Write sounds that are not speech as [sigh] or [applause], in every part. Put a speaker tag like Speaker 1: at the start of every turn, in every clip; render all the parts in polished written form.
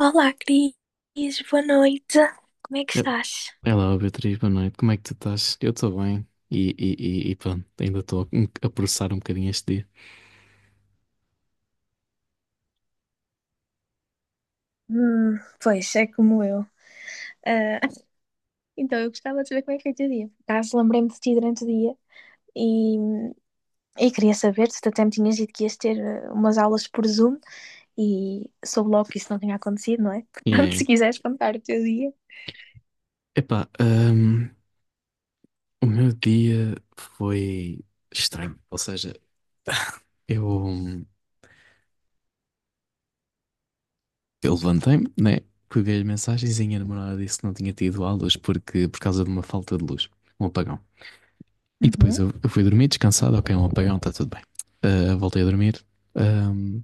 Speaker 1: Olá, Cris, boa noite. Como é que
Speaker 2: Eh,
Speaker 1: estás?
Speaker 2: Olá, Beatriz, boa noite. Como é que tu estás? Eu estou bem e pronto, ainda estou a processar um bocadinho este dia.
Speaker 1: Pois, é como eu. Ah, [laughs] então, eu gostava de saber como é que foi o teu dia. Por acaso, lembrei-me de ti durante o dia e, e queria saber se tu até me tinhas dito que ias ter umas aulas por Zoom e soube logo que isso não tinha acontecido, não é? [laughs]
Speaker 2: Yeah,
Speaker 1: Portanto,
Speaker 2: yeah.
Speaker 1: se quiseres contar o teu dia.
Speaker 2: Epá, o meu dia foi estranho. Ou seja, [laughs] eu, Eu levantei-me, né? Peguei as mensagens e a minha namorada disse que não tinha tido aulas porque, por causa de uma falta de luz, um apagão. E depois
Speaker 1: Uhum.
Speaker 2: eu fui dormir descansado, ok, um apagão, está tudo bem. Ah, voltei a dormir. ahm,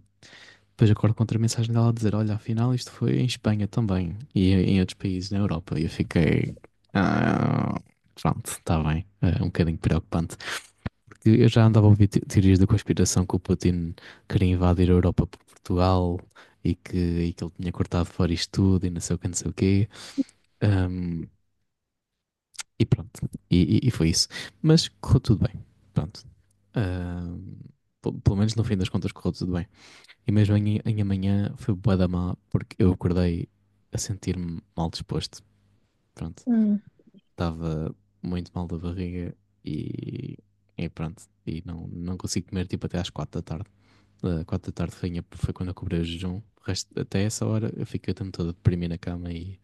Speaker 2: Depois acordo com outra mensagem dela a dizer: Olha, afinal isto foi em Espanha também e em outros países na Europa. E eu fiquei. "Ah, pronto, está bem. Ah, um bocadinho preocupante que eu já andava a ouvir teorias da conspiração que o Putin queria invadir a Europa por Portugal e que, e que ele tinha cortado fora isto tudo e não sei o que, não sei o quê. Ahm, e pronto, e foi isso. Mas correu tudo bem, pronto. Ahm, Pelo menos no fim das contas correu tudo bem. E mesmo em amanhã foi bué da má porque eu acordei a sentir-me mal disposto. Pronto,
Speaker 1: Hum,
Speaker 2: estava muito mal da barriga e, e pronto. E não consigo comer tipo até às quatro da tarde. Ah, quatro da tarde foi quando eu cobrei o jejum. Até essa hora eu fiquei o tempo todo a deprimir na cama e,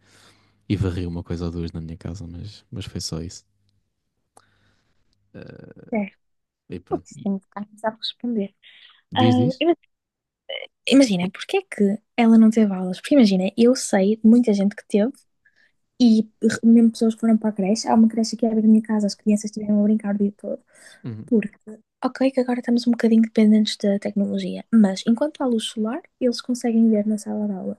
Speaker 2: e varri uma coisa ou duas na minha casa, mas foi só isso. Ah,
Speaker 1: certo.
Speaker 2: e pronto.
Speaker 1: Putz, tenho que ficar a responder. Ah,
Speaker 2: Diz, diz?
Speaker 1: ima- imagina, porque é que ela não teve aulas? Porque imagina, eu sei de muita gente que teve e mesmo pessoas que foram para a creche. Há uma creche aqui à beira da minha casa, as crianças estiveram a brincar o dia todo.
Speaker 2: Uhum.
Speaker 1: Porque, ok, que agora estamos um bocadinho dependentes da tecnologia, mas enquanto há luz solar, eles conseguem ver na sala de aula.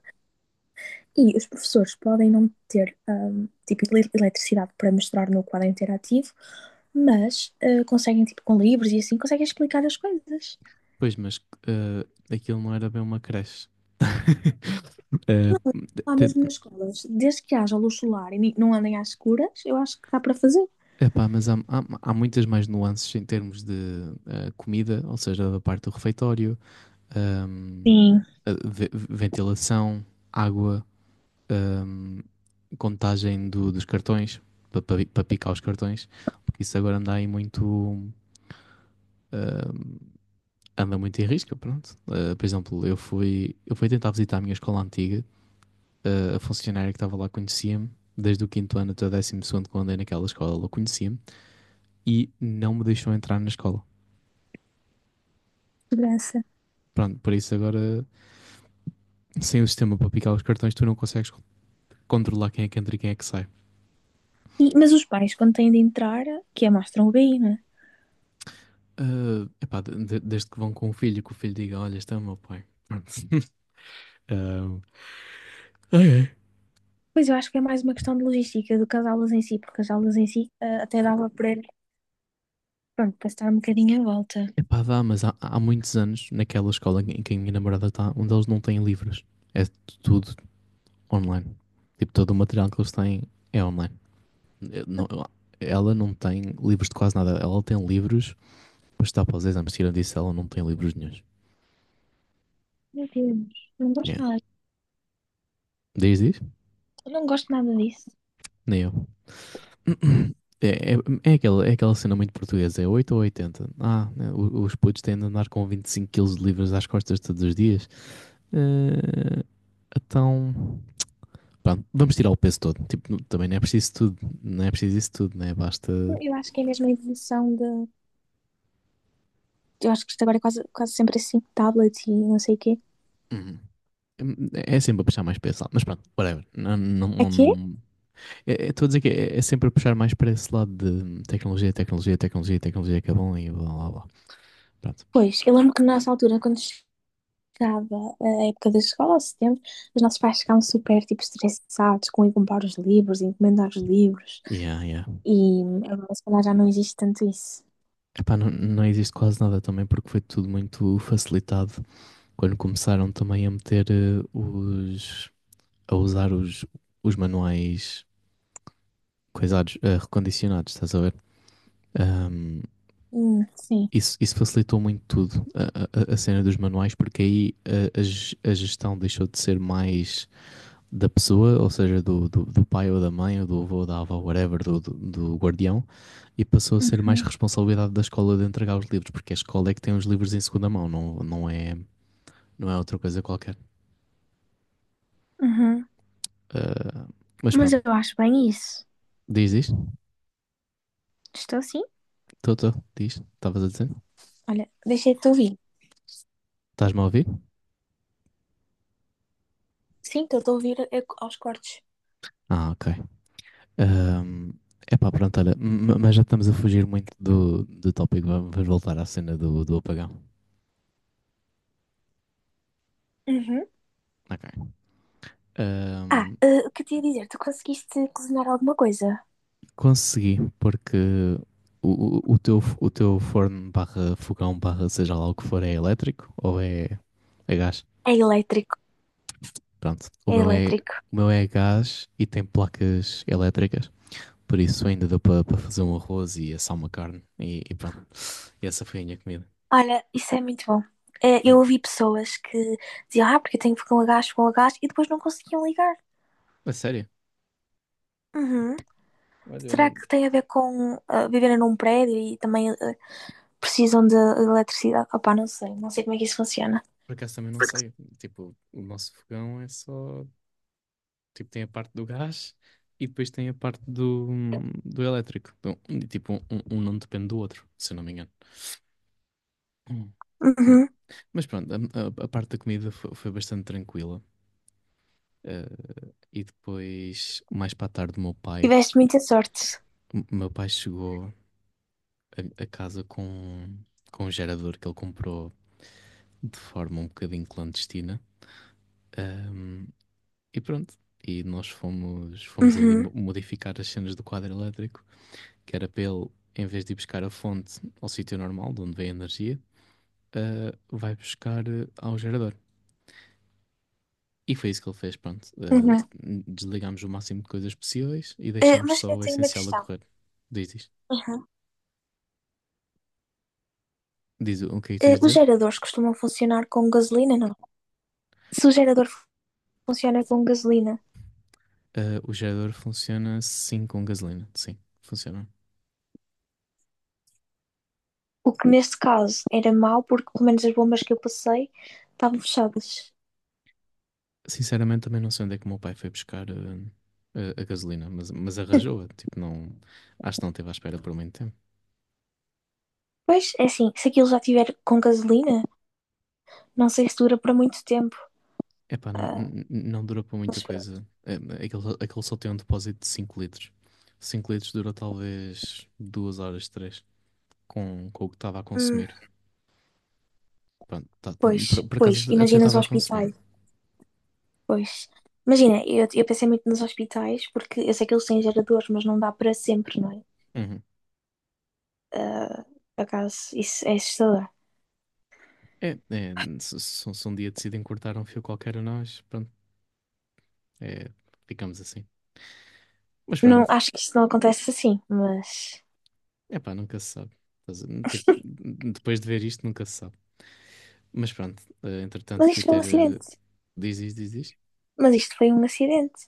Speaker 1: E os professores podem não ter, tipo, eletricidade para mostrar no quadro interativo, mas conseguem, tipo, com livros e assim, conseguem explicar as coisas.
Speaker 2: Pois, mas ah, aquilo não era bem uma creche. [laughs] Eh,
Speaker 1: Lá
Speaker 2: te-
Speaker 1: mesmo nas escolas, desde que haja luz solar e não andem às escuras, eu acho que dá para fazer.
Speaker 2: Epá, mas há muitas mais nuances em termos de comida, ou seja, da parte do refeitório, ahm,
Speaker 1: Sim.
Speaker 2: a ventilação, água, ah, contagem dos cartões, para pa picar os cartões, porque isso agora anda aí muito. ah, Anda muito em risca, pronto. Ah, por exemplo, eu fui tentar visitar a minha escola antiga, a funcionária que estava lá conhecia-me, desde o quinto ano até o décimo segundo, quando andei naquela escola, ela conhecia-me, e não me deixou entrar na escola.
Speaker 1: Segurança.
Speaker 2: Pronto, por isso agora, sem o sistema para picar os cartões, tu não consegues controlar quem é que entra e quem é que sai.
Speaker 1: Mas os pais, quando têm de entrar, que é mostram o BI, não é?
Speaker 2: Ah, epá, desde que vão com o filho, que o filho diga: Olha, este é o meu pai. [laughs] Pronto. Ah,
Speaker 1: Pois eu acho que é mais uma questão de logística do que as aulas em si, porque as aulas em si até dava para, pronto, para estar um bocadinho à volta.
Speaker 2: epá, dá, mas há muitos anos, naquela escola em que a minha namorada está, onde eles não têm livros. É tudo online. Tipo, todo o material que eles têm é online. Eh, não- Ela não tem livros de quase nada. Ela tem livros para estudar para os exames. Tira disso, ela não tem livros nenhuns.
Speaker 1: Meu Deus, não gosto
Speaker 2: Yeah.
Speaker 1: nada.
Speaker 2: Diz, diz?
Speaker 1: Eu não gosto nada disso.
Speaker 2: Nem eu. [clears throat] É, é, é aquela cena muito portuguesa. É 8 ou 80. Ah, né, os putos têm de andar com 25 quilos de livros às costas todos os dias. Eh, então... Pronto, vamos tirar o peso todo. Tipo, também não é preciso tudo, não é preciso isso tudo, né? Basta.
Speaker 1: Eu acho que é mesmo a evolução de. Eu acho que isto agora é quase, quase sempre assim, tablet e não sei o quê.
Speaker 2: Hum, é sempre a puxar mais para esse lado, mas pronto, whatever. Não, não, não,
Speaker 1: Aqui?
Speaker 2: não. Estou a dizer que é sempre a puxar mais para esse lado de tecnologia, tecnologia, tecnologia, tecnologia, que é bom e blá blá blá. Pronto.
Speaker 1: Pois, eu lembro que na nossa altura, quando chegava a época da escola, ao setembro, os nossos pais ficavam super, tipo, estressados com ir comprar os livros, encomendar os livros.
Speaker 2: Yeah, yeah.
Speaker 1: E agora, se calhar, já não existe tanto isso.
Speaker 2: Epá, não existe quase nada também porque foi tudo muito facilitado quando começaram também a meter eh, os. A usar os manuais coisados, recondicionados, estás a ver? Ahm,
Speaker 1: Sim.
Speaker 2: Isso, isso facilitou muito tudo, a cena dos manuais, porque aí a gestão deixou de ser mais da pessoa, ou seja, do pai ou da mãe, ou do avô ou da avó, whatever, do guardião, e passou a ser mais
Speaker 1: Uhum,
Speaker 2: responsabilidade da escola de entregar os livros, porque a escola é que tem os livros em segunda mão, não é, não é outra coisa qualquer.
Speaker 1: uhum.
Speaker 2: Ah, mas
Speaker 1: Mas
Speaker 2: pronto,
Speaker 1: eu acho bem isso.
Speaker 2: diz isto,
Speaker 1: Estou sim?
Speaker 2: estou, diz, estavas a dizer?
Speaker 1: Olha, deixei-te ouvir.
Speaker 2: Estás-me a ouvir?
Speaker 1: Sim, estou a ouvir aos cortes.
Speaker 2: Ah, ok. É pá, pronto, olha, mas já estamos a fugir muito do tópico, vamos voltar à cena do apagão.
Speaker 1: Uhum.
Speaker 2: Ok.
Speaker 1: Ah,
Speaker 2: Ahm,
Speaker 1: o que eu tinha a dizer? Tu conseguiste cozinhar alguma coisa?
Speaker 2: Consegui, porque o teu forno barra fogão barra seja lá o que for é elétrico ou é gás?
Speaker 1: É elétrico,
Speaker 2: Pronto, o
Speaker 1: é
Speaker 2: meu é,
Speaker 1: elétrico.
Speaker 2: o meu é gás e tem placas elétricas, por isso ainda deu para fazer um arroz e assar uma carne e pronto. E essa foi a minha comida.
Speaker 1: Olha, isso é muito bom. Eh,
Speaker 2: Yeah.
Speaker 1: eu ouvi pessoas que diziam, ah, porque eu tenho fogão a gás, e depois não conseguiam ligar.
Speaker 2: A sério?
Speaker 1: Uhum.
Speaker 2: Olha, eu
Speaker 1: Será
Speaker 2: não.
Speaker 1: que tem a ver com viverem num prédio e também precisam de eletricidade? Opá, não sei, não sei como é que isso funciona.
Speaker 2: Por acaso também não sei. Tipo, o nosso fogão é só. Tipo, tem a parte do gás e depois tem a parte do elétrico. Então, tipo, um não depende do outro, se eu não me engano. Hum. Ma-
Speaker 1: Uhum.
Speaker 2: Mas pronto, a parte da comida foi bastante tranquila. Eh, e depois, mais para a tarde,
Speaker 1: Tiveste muita sorte.
Speaker 2: O meu pai chegou a casa com um gerador que ele comprou de forma um bocadinho clandestina. Ahm, E pronto. E nós fomos ali
Speaker 1: Uhum.
Speaker 2: modificar as cenas do quadro elétrico, que era para ele, em vez de ir buscar a fonte ao sítio normal, de onde vem a energia, vai buscar ao gerador. E foi isso que ele fez, pronto. Ah,
Speaker 1: Uhum.
Speaker 2: desligámos o máximo de coisas possíveis e
Speaker 1: Eh,
Speaker 2: deixámos
Speaker 1: mas
Speaker 2: só
Speaker 1: eu
Speaker 2: o
Speaker 1: tenho uma
Speaker 2: essencial a
Speaker 1: questão.
Speaker 2: correr. Diz isto.
Speaker 1: Uhum.
Speaker 2: Diz o que é que tu
Speaker 1: Eh,
Speaker 2: ias
Speaker 1: os
Speaker 2: dizer?
Speaker 1: geradores costumam funcionar com gasolina, não? Se o gerador funciona com gasolina.
Speaker 2: Ah, o gerador funciona sim com gasolina. Sim, funciona.
Speaker 1: O que neste caso era mau, porque pelo menos as bombas que eu passei estavam fechadas.
Speaker 2: Sinceramente, também não sei onde é que o meu pai foi buscar a gasolina, mas arranjou-a. Tipo, não, acho que não esteve à espera por muito tempo.
Speaker 1: Pois, é assim, se aquilo já tiver com gasolina, não sei se dura para muito tempo.
Speaker 2: Epá, não durou para muita
Speaker 1: Mas pronto.
Speaker 2: coisa. Aquele só tem um depósito de 5 litros. 5 litros durou talvez 2 horas, 3 com o que estava a
Speaker 1: Hum,
Speaker 2: consumir. Pronto, tá- tá-
Speaker 1: pois,
Speaker 2: por, por
Speaker 1: pois,
Speaker 2: acaso até
Speaker 1: imagina os
Speaker 2: estava a consumir.
Speaker 1: hospitais. Pois. Imagina, eu pensei muito nos hospitais, porque eu sei que eles têm geradores, mas não dá para sempre, não é?
Speaker 2: Uhum.
Speaker 1: Por acaso, isso é assustador.
Speaker 2: É, é, se um dia decidem cortar um fio qualquer a nós, pronto, é, ficamos assim. Mas
Speaker 1: Não,
Speaker 2: pronto,
Speaker 1: acho que isto não acontece assim, mas.
Speaker 2: epá, nunca se sabe. Tipo, depois de ver isto, nunca se sabe. Mas pronto, entretanto
Speaker 1: Mas
Speaker 2: fui
Speaker 1: isto foi um
Speaker 2: ter.
Speaker 1: acidente.
Speaker 2: Diz isto, diz isto.
Speaker 1: Mas isto foi um acidente.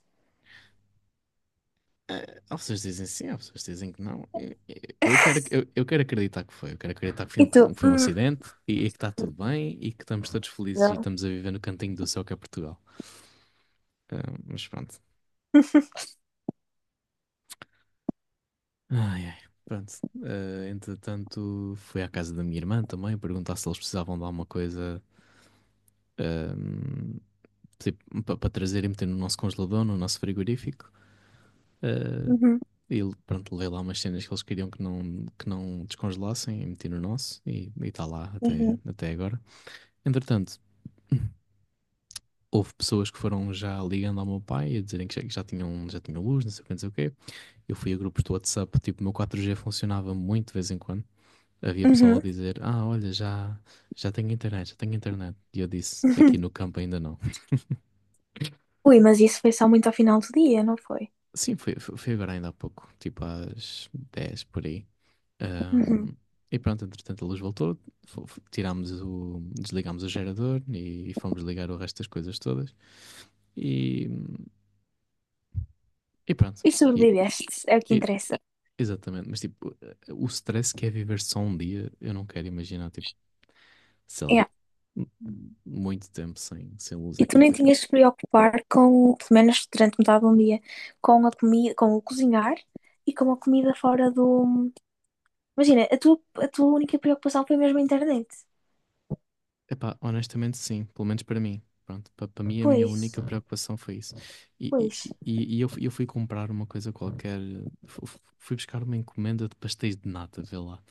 Speaker 2: Há pessoas que dizem sim, há pessoas que dizem que não. Eu quero acreditar que foi. Eu quero acreditar que foi um,
Speaker 1: E tu?
Speaker 2: que foi um acidente e que está tudo bem e que estamos todos felizes e
Speaker 1: Não.
Speaker 2: estamos a viver no cantinho do céu que é Portugal. Eh, mas pronto. Ai, ai. Pronto. Entretanto, fui à casa da minha irmã também perguntar se eles precisavam de alguma coisa. eh, Para trazer e meter no nosso congelador, no nosso frigorífico. Eh,
Speaker 1: Uhum,
Speaker 2: e pronto, levei lá umas cenas que eles queriam que não descongelassem e meti no nosso e está lá até,
Speaker 1: uhum,
Speaker 2: até agora. Entretanto, houve pessoas que foram já ligando ao meu pai a dizerem que já tinham luz, não sei o que, não sei o quê. Eu fui a grupos do WhatsApp, tipo, o meu 4G funcionava muito de vez em quando. Havia pessoal a
Speaker 1: uhum.
Speaker 2: dizer, olha, já tenho internet, já tenho internet. E eu disse, aqui
Speaker 1: Uhum.
Speaker 2: no campo ainda não.
Speaker 1: Ui, mas isso foi só muito ao final do dia, não foi?
Speaker 2: Sim, foi agora ainda há pouco, tipo às 10 por aí. Ahm,
Speaker 1: Uhum.
Speaker 2: e pronto, entretanto a luz voltou, desligámos o gerador e fomos ligar o resto das coisas todas e, e pronto.
Speaker 1: E
Speaker 2: E,
Speaker 1: sobreviveste, é o que
Speaker 2: e-
Speaker 1: interessa.
Speaker 2: Exatamente, mas tipo, o stress que é viver só um dia, eu não quero imaginar, tipo, sei lá,
Speaker 1: É.
Speaker 2: m- muito tempo sem luz
Speaker 1: E
Speaker 2: é
Speaker 1: tu nem
Speaker 2: complicado.
Speaker 1: tinhas de te preocupar com, pelo menos durante metade do dia, com a comida, com o cozinhar e com a comida fora do. Imagina, a tua única preocupação foi mesmo a internet.
Speaker 2: Epá, honestamente sim, pelo menos para mim. Pronto, para mim a minha
Speaker 1: Pois,
Speaker 2: única preocupação foi isso. E,
Speaker 1: pois.
Speaker 2: e, e- e eu fui comprar uma coisa qualquer, fui buscar uma encomenda de pastéis de nata, vê lá.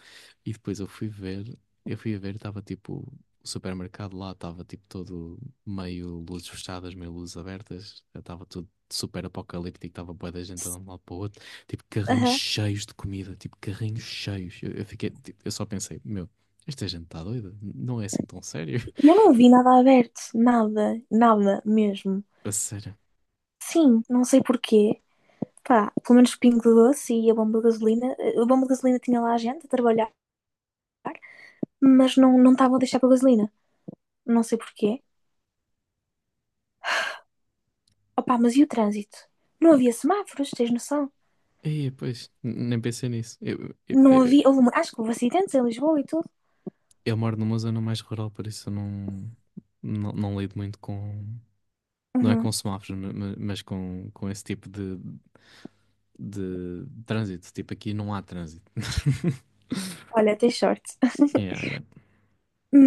Speaker 2: E depois eu fui a ver, estava tipo, o supermercado lá estava tipo todo meio luzes fechadas, meio luzes abertas, estava tudo super apocalíptico, estava bué da gente andando de um lado para o outro, tipo carrinhos
Speaker 1: Aham.
Speaker 2: cheios de comida, tipo carrinhos cheios. Eu fiquei, tipo, eu só pensei, meu, esta gente está doida, não é assim tão sério,
Speaker 1: E eu não vi nada aberto, nada, nada mesmo.
Speaker 2: [laughs] a sério.
Speaker 1: Sim, não sei porquê. Pá, pelo menos o Pingo Doce e a bomba de gasolina. A bomba de gasolina tinha lá a gente a trabalhar. Mas não estavam a deixar para gasolina. Não sei porquê. Opa, mas e o trânsito? Não havia semáforos, tens noção?
Speaker 2: E pois, nem pensei nisso. Eu, eu,
Speaker 1: Não
Speaker 2: eu,
Speaker 1: havia, houve, acho que houve acidentes em Lisboa e tudo.
Speaker 2: eu moro numa zona mais rural, por isso eu não lido muito com. Não é
Speaker 1: Uhum.
Speaker 2: com semáforos, mas com esse tipo de trânsito. Tipo, aqui não há trânsito.
Speaker 1: Olha, tens sorte. [laughs]
Speaker 2: Yeah, yeah,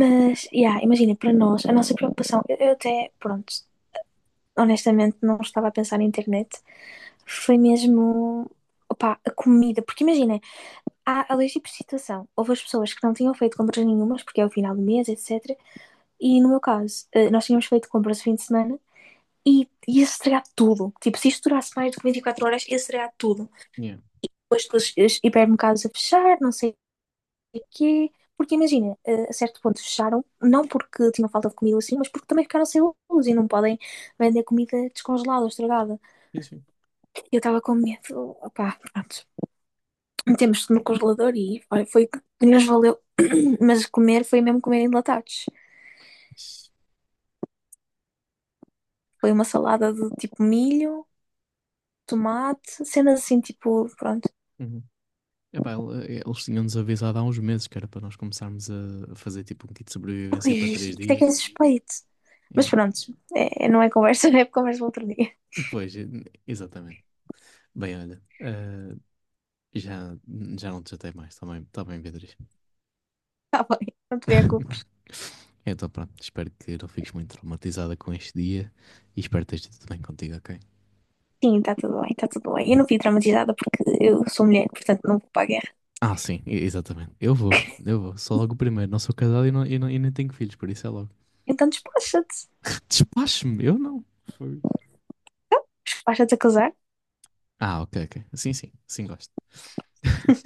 Speaker 1: Mas, yeah, imagina, para nós, a nossa preocupação, eu até, pronto, honestamente não estava a pensar na internet, foi mesmo, opá, a comida, porque imagina, há a leis de situação, houve as pessoas que não tinham feito compras nenhumas, porque é o final do mês, etc. E no meu caso, nós tínhamos feito compras o fim de semana, e ia estragar tudo. Tipo, se isto durasse mais do que 24 horas, ia estragar tudo.
Speaker 2: yeah.
Speaker 1: Depois os hipermercados a fechar, não sei o quê. Porque imagina, a certo ponto fecharam, não porque tinham falta de comida assim, mas porque também ficaram sem luz e não podem vender comida descongelada ou estragada.
Speaker 2: Sim, sim.
Speaker 1: Eu estava com medo, opá, pronto. Metemos no congelador e olha, foi que nos valeu. [clears throat] [coughs] Mas comer foi mesmo comer enlatados.
Speaker 2: Isso.
Speaker 1: Foi uma salada de tipo milho, tomate, cenas assim, tipo, pronto.
Speaker 2: Uhum. Epá, eles tinham-nos avisado há uns meses que era para nós começarmos a fazer tipo um kit de
Speaker 1: Ui,
Speaker 2: sobrevivência para três
Speaker 1: isto é que é
Speaker 2: dias.
Speaker 1: suspeito. Mas
Speaker 2: Yeah.
Speaker 1: pronto, não é conversa, [laughs] é conversa para outro dia.
Speaker 2: Pois, exatamente. Bem, olha, já, já não te chatei mais, está bem, tá bem, Beatriz.
Speaker 1: Está bem, não te
Speaker 2: [laughs]
Speaker 1: preocupes.
Speaker 2: Então, pronto, espero que não fiques muito traumatizada com este dia e espero que esteja tudo bem contigo, ok?
Speaker 1: Sim, está tudo bem, está tudo bem. Eu não fui traumatizada porque eu sou mulher, portanto não vou para a guerra.
Speaker 2: Ah, sim, exatamente. Eu vou. Sou logo o primeiro. Não sou casado e nem tenho filhos, por isso é logo.
Speaker 1: Então despacha-te.
Speaker 2: [laughs] Despache-me, eu não. Foi.
Speaker 1: Despacha-te a casar.
Speaker 2: Ah, ok, ok. Sim, sim, sim, gosto. [laughs]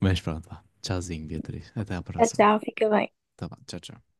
Speaker 2: Mas pronto, vá. Tchauzinho, Beatriz. Até à
Speaker 1: Tchau,
Speaker 2: próxima.
Speaker 1: tchau, fica bem. Tchau.
Speaker 2: Tá bom, tchau, tchau.